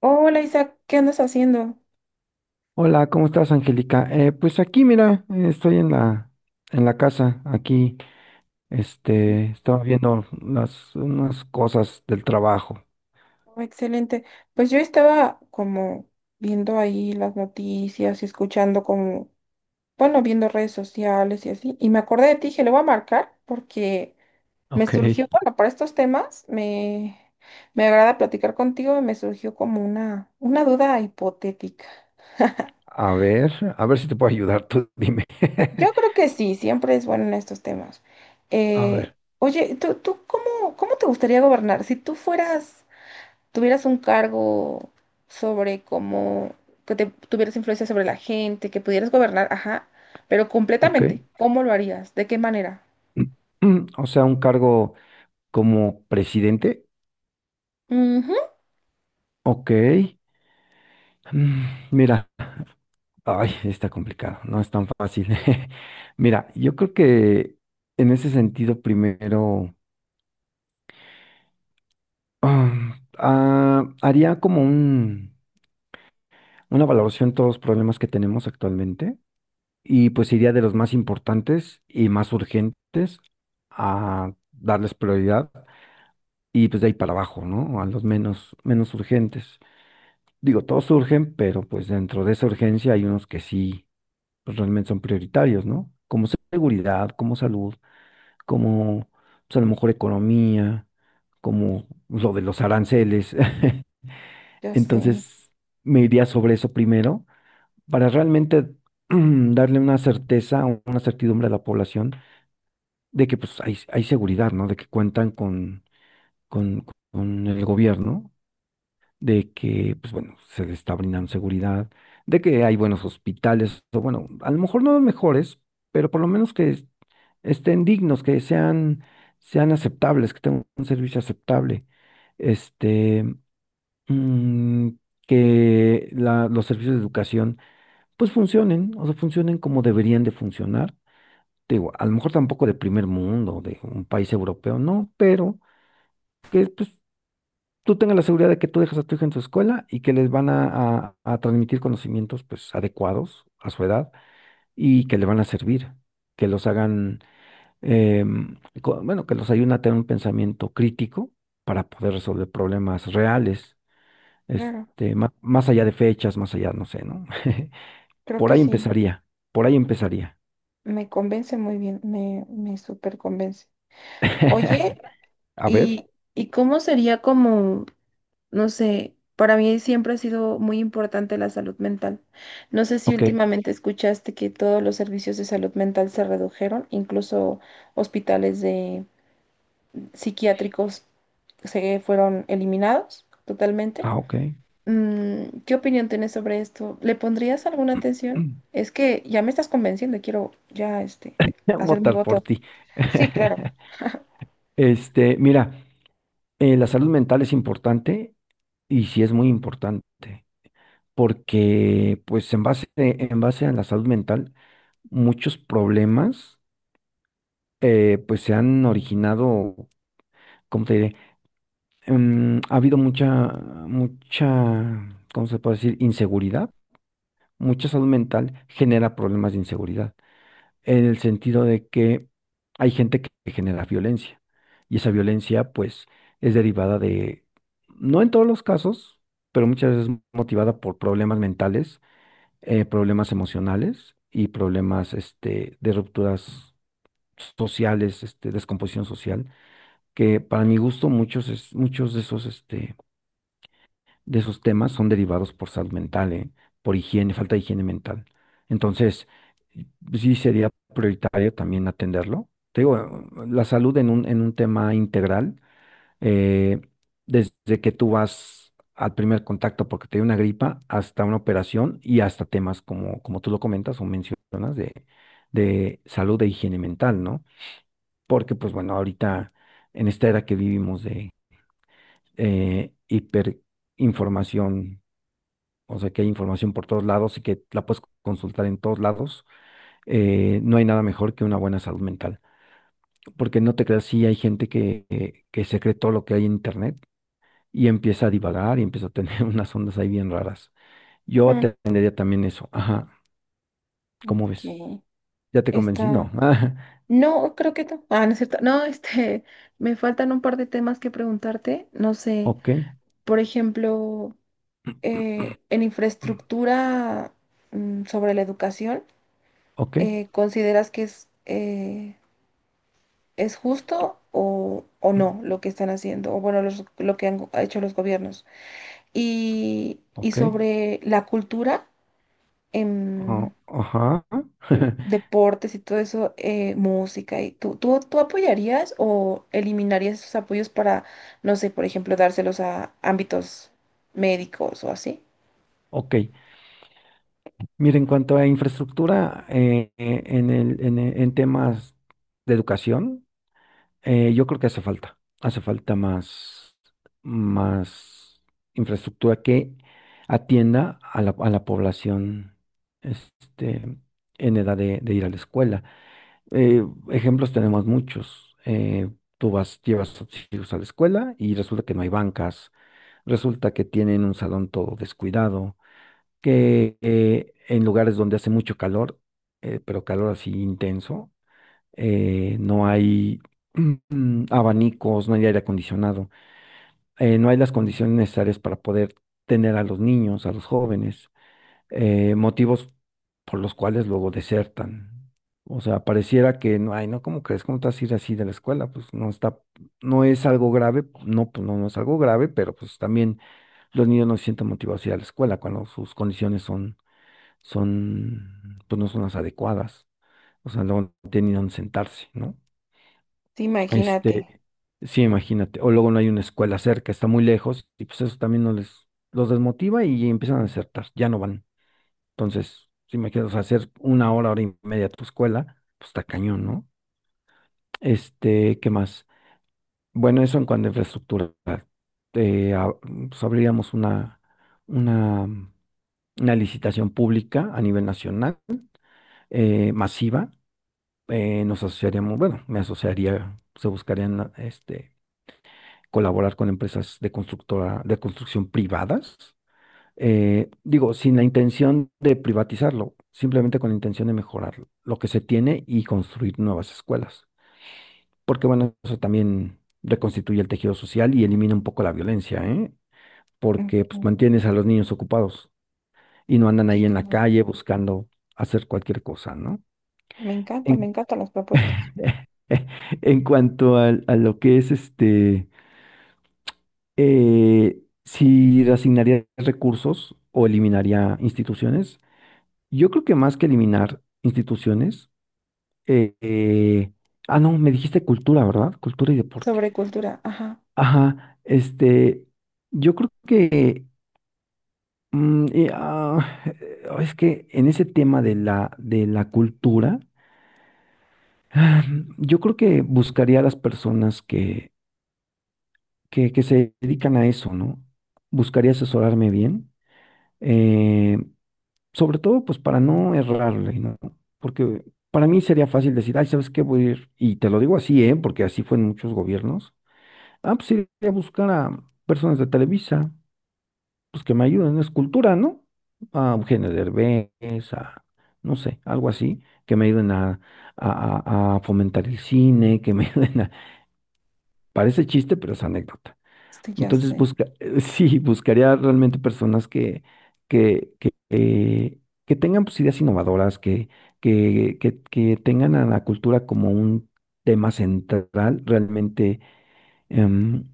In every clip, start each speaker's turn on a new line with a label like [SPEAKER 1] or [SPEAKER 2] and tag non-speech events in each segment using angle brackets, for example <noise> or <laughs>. [SPEAKER 1] Hola Isaac, ¿qué andas haciendo?
[SPEAKER 2] Hola, ¿cómo estás, Angélica? Pues aquí, mira, estoy en la casa, aquí, estaba viendo las, unas cosas del trabajo.
[SPEAKER 1] Oh, excelente. Pues yo estaba como viendo ahí las noticias y escuchando como, bueno, viendo redes sociales y así. Y me acordé de ti, dije, le voy a marcar porque me
[SPEAKER 2] Ok.
[SPEAKER 1] surgió, bueno, para estos temas me agrada platicar contigo y me surgió como una duda hipotética. <laughs>
[SPEAKER 2] A ver, a ver si te puedo ayudar, tú dime.
[SPEAKER 1] Yo
[SPEAKER 2] <laughs>
[SPEAKER 1] creo que sí, siempre es bueno en estos temas.
[SPEAKER 2] A
[SPEAKER 1] Eh,
[SPEAKER 2] ver,
[SPEAKER 1] Oye, ¿tú cómo, cómo te gustaría gobernar? Si tú fueras... tuvieras un cargo sobre cómo, que te, tuvieras influencia sobre la gente, que pudieras gobernar, ajá, pero
[SPEAKER 2] ok.
[SPEAKER 1] completamente, ¿cómo lo harías? ¿De qué manera?
[SPEAKER 2] <clears throat> O sea, un cargo como presidente.
[SPEAKER 1] Ujú.
[SPEAKER 2] Ok. Mm, Mira, ay, está complicado, no es tan fácil. <laughs> Mira, yo creo que en ese sentido, primero. Haría como un, una valoración de todos los problemas que tenemos actualmente y pues iría de los más importantes y más urgentes a darles prioridad y pues de ahí para abajo, ¿no? A los menos, menos urgentes. Digo, todos surgen, pero pues dentro de esa urgencia hay unos que sí, pues realmente son prioritarios, ¿no? Como seguridad, como salud, como pues a lo mejor economía, como lo de los aranceles. <laughs>
[SPEAKER 1] Ya sé,
[SPEAKER 2] Entonces, me iría sobre eso primero para realmente <clears throat> darle una certeza, o una certidumbre a la población de que pues hay seguridad, ¿no? De que cuentan con, con el gobierno, de que, pues bueno, se les está brindando seguridad, de que hay buenos hospitales, o bueno, a lo mejor no los mejores, pero por lo menos que estén dignos, que sean, sean aceptables, que tengan un servicio aceptable. Este mm, que los servicios de educación pues funcionen, o sea, funcionen como deberían de funcionar. Te digo, a lo mejor tampoco de primer mundo, de un país europeo, no, pero que pues, tú tengas la seguridad de que tú dejas a tu hija en su escuela y que les van a transmitir conocimientos pues adecuados a su edad y que le van a servir, que los hagan, bueno, que los ayuden a tener un pensamiento crítico para poder resolver problemas reales.
[SPEAKER 1] claro,
[SPEAKER 2] Este, más allá de fechas, más allá, no sé, ¿no? <laughs>
[SPEAKER 1] creo
[SPEAKER 2] Por
[SPEAKER 1] que
[SPEAKER 2] ahí
[SPEAKER 1] sí,
[SPEAKER 2] empezaría, por ahí empezaría.
[SPEAKER 1] me convence muy bien, me súper convence. Oye,
[SPEAKER 2] <laughs> A ver,
[SPEAKER 1] ¿y, y cómo sería como, no sé, para mí siempre ha sido muy importante la salud mental. No sé si
[SPEAKER 2] ok.
[SPEAKER 1] últimamente escuchaste que todos los servicios de salud mental se redujeron, incluso hospitales de psiquiátricos se fueron eliminados totalmente.
[SPEAKER 2] Ah, ok.
[SPEAKER 1] Mm, ¿qué opinión tienes sobre esto? ¿Le pondrías alguna
[SPEAKER 2] <clears throat>
[SPEAKER 1] atención?
[SPEAKER 2] Mm.
[SPEAKER 1] Es que ya me estás convenciendo y quiero ya este,
[SPEAKER 2] <laughs>
[SPEAKER 1] hacer mi
[SPEAKER 2] Votar por
[SPEAKER 1] voto.
[SPEAKER 2] ti.
[SPEAKER 1] Sí, claro.
[SPEAKER 2] <laughs>
[SPEAKER 1] <laughs>
[SPEAKER 2] Este, mira, la salud mental es importante y sí es muy importante, porque pues en base a la salud mental, muchos problemas pues se han originado, ¿cómo te diré? Ha habido mucha, mucha, ¿cómo se puede decir? Inseguridad. Mucha salud mental genera problemas de inseguridad, en el sentido de que hay gente que genera violencia y esa violencia pues es derivada de, no en todos los casos, pero muchas veces motivada por problemas mentales, problemas emocionales y problemas de rupturas sociales, este, descomposición social, que para mi gusto muchos, muchos de esos de esos temas son derivados por salud mental, ¿eh? Por higiene, falta de higiene mental. Entonces, y- sí sería prioritario también atenderlo. Te digo, la salud en un tema integral, eh, desde que tú vas al primer contacto porque te dio una gripa, hasta una operación y hasta temas como, como tú lo comentas o mencionas de salud e higiene mental, ¿no? Porque, pues bueno, ahorita en esta era que vivimos de hiperinformación, o sea que hay información por todos lados y que la puedes consultar en todos lados. No hay nada mejor que una buena salud mental. Porque no te creas, sí hay gente que se cree todo lo que hay en Internet y empieza a divagar y empieza a tener <laughs> unas ondas ahí bien raras. Yo
[SPEAKER 1] Mm,
[SPEAKER 2] atendería también eso. Ajá, ¿cómo ves?
[SPEAKER 1] ok,
[SPEAKER 2] ¿Ya te convencí?
[SPEAKER 1] está.
[SPEAKER 2] No. <laughs>
[SPEAKER 1] No, creo que no. Ah, no es cierto. No, este, <laughs> me faltan un par de temas que preguntarte. No
[SPEAKER 2] Ah,
[SPEAKER 1] sé,
[SPEAKER 2] ok,
[SPEAKER 1] por ejemplo, en infraestructura sobre la educación,
[SPEAKER 2] ok,
[SPEAKER 1] ¿consideras que es ¿es
[SPEAKER 2] que-
[SPEAKER 1] justo o no lo que están haciendo? O bueno, lo que hecho los gobiernos. Y
[SPEAKER 2] ok,
[SPEAKER 1] sobre la cultura, em,
[SPEAKER 2] oh, ajá.
[SPEAKER 1] mm,
[SPEAKER 2] <laughs>
[SPEAKER 1] deportes y todo eso, música, y ¿tú apoyarías o eliminarías esos apoyos para, no sé, por ejemplo, dárselos a ámbitos médicos o así?
[SPEAKER 2] Ok. Mira, en cuanto a infraestructura, en el, en temas de educación, yo creo que hace falta más, más infraestructura que atienda a la población este, en edad de ir a la escuela. Eh, ejemplos tenemos muchos. Tú vas, llevas a tus hijos a la escuela y resulta que no hay bancas, resulta que tienen un salón todo descuidado, que en lugares donde hace mucho calor, pero calor así intenso, no hay abanicos, no hay aire acondicionado, no hay las condiciones necesarias para poder tener a los niños, a los jóvenes, motivos por los cuales luego desertan. O sea, pareciera que no ay, ¿no? ¿Cómo crees? ¿Cómo te vas a ir así de la escuela? Pues no está, no es algo grave, no, pues no, no es algo grave, pero pues también los niños no se sienten motivados a ir a la escuela cuando sus condiciones son, son, pues no son las adecuadas. O sea, luego no tienen ni dónde sentarse, ¿no?
[SPEAKER 1] Sí, imagínate.
[SPEAKER 2] Este, sí, imagínate. O luego no hay una escuela cerca, está muy lejos, y pues eso también no les, los desmotiva y empiezan a desertar, ya no van. Entonces, si me quieres hacer una hora, hora y media a tu escuela, pues está cañón, ¿no? Este, ¿qué más? Bueno, eso en cuanto a infraestructura. Eh, a- pues abriríamos una, una licitación pública a nivel nacional, masiva. Nos asociaríamos, bueno, me asociaría, se buscarían colaborar con empresas de constructora, de construcción privadas. Digo, sin la intención de privatizarlo, simplemente con la intención de mejorar lo que se tiene y construir nuevas escuelas. Porque bueno, eso también reconstituye el tejido social y elimina un poco la violencia, ¿eh? Porque pues
[SPEAKER 1] Ujú.
[SPEAKER 2] mantienes a los niños ocupados y no andan
[SPEAKER 1] Sí,
[SPEAKER 2] ahí en la
[SPEAKER 1] claro.
[SPEAKER 2] calle buscando hacer cualquier cosa, ¿no?
[SPEAKER 1] Me encanta, me
[SPEAKER 2] En,
[SPEAKER 1] encantan las propuestas.
[SPEAKER 2] <laughs> en cuanto lo que es si reasignaría recursos o eliminaría instituciones, yo creo que más que eliminar instituciones, eh, eh, no, me dijiste cultura, ¿verdad? Cultura y deporte.
[SPEAKER 1] Sobre cultura, ajá,
[SPEAKER 2] Ajá, yo creo que, es que en ese tema de la cultura, <sighs> ah, yo creo que buscaría a las personas que se dedican a eso, ¿no? Buscaría asesorarme bien. eh, sobre todo pues para no errarle, ¿no? Porque para mí sería fácil decir, ay, ¿sabes qué? Voy a ir, y te lo digo así, ¿eh? Porque así fue en muchos gobiernos. Ah, pues iré a buscar a personas de Televisa, pues que me ayuden, es cultura, ¿no? A Eugenio Derbez, a, no sé, algo así, que me ayuden a, a fomentar el cine, que me <laughs> ayuden a... Parece chiste, pero es anécdota.
[SPEAKER 1] sí, ya
[SPEAKER 2] Entonces,
[SPEAKER 1] sé.
[SPEAKER 2] busca, <laughs> sí, buscaría realmente personas que, que, eh, que tengan pues, ideas innovadoras, que tengan a la cultura como un tema central, realmente em,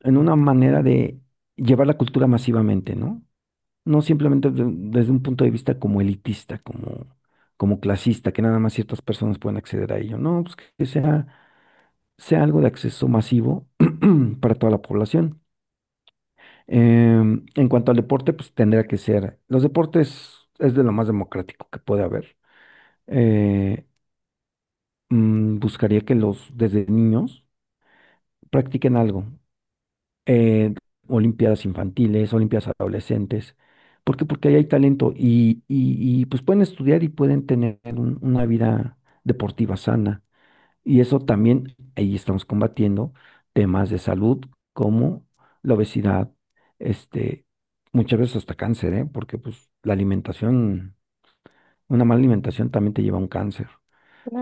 [SPEAKER 2] en una manera de llevar la cultura masivamente, ¿no? No simplemente desde un punto de vista como elitista, como, como clasista, que nada más ciertas personas pueden acceder a ello. No, pues que sea, sea algo de acceso masivo <clears throat> para toda la población. Em, en cuanto al deporte, pues tendría que ser. Los deportes es de lo más democrático que puede haber. Eh, buscaría que los desde niños practiquen algo. Eh, olimpiadas infantiles, olimpiadas adolescentes. ¿Por qué? Porque ahí hay talento y, pues pueden estudiar y pueden tener una vida deportiva sana. Y eso también, ahí estamos combatiendo temas de salud como la obesidad, este, muchas veces hasta cáncer, ¿eh? Porque pues la alimentación, una mala alimentación también te lleva a un cáncer,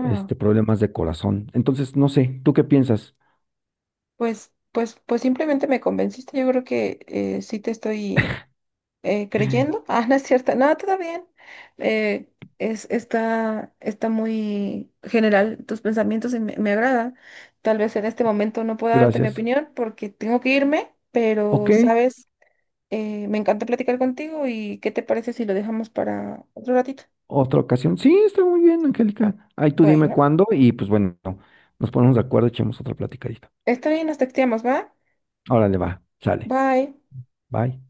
[SPEAKER 2] este, problemas de corazón. Entonces, no sé, ¿tú qué piensas?
[SPEAKER 1] Pues simplemente me convenciste. Yo creo que sí te estoy creyendo. <laughs> Ah, no es cierto. No, todo bien. Eh, es, está, está muy general tus pensamientos y me agrada. Tal vez en este momento no pueda darte mi
[SPEAKER 2] Gracias.
[SPEAKER 1] opinión porque tengo que irme,
[SPEAKER 2] Ok,
[SPEAKER 1] pero sabes, me encanta platicar contigo y ¿qué te parece si lo dejamos para otro ratito?
[SPEAKER 2] otra ocasión. Sí, está muy bien, Angélica. Ahí tú dime
[SPEAKER 1] Bueno,
[SPEAKER 2] cuándo y pues bueno, nos ponemos de acuerdo, echemos otra platicadita.
[SPEAKER 1] está bien, nos texteamos, ¿va?
[SPEAKER 2] Órale, va, sale.
[SPEAKER 1] Bye.
[SPEAKER 2] Bye.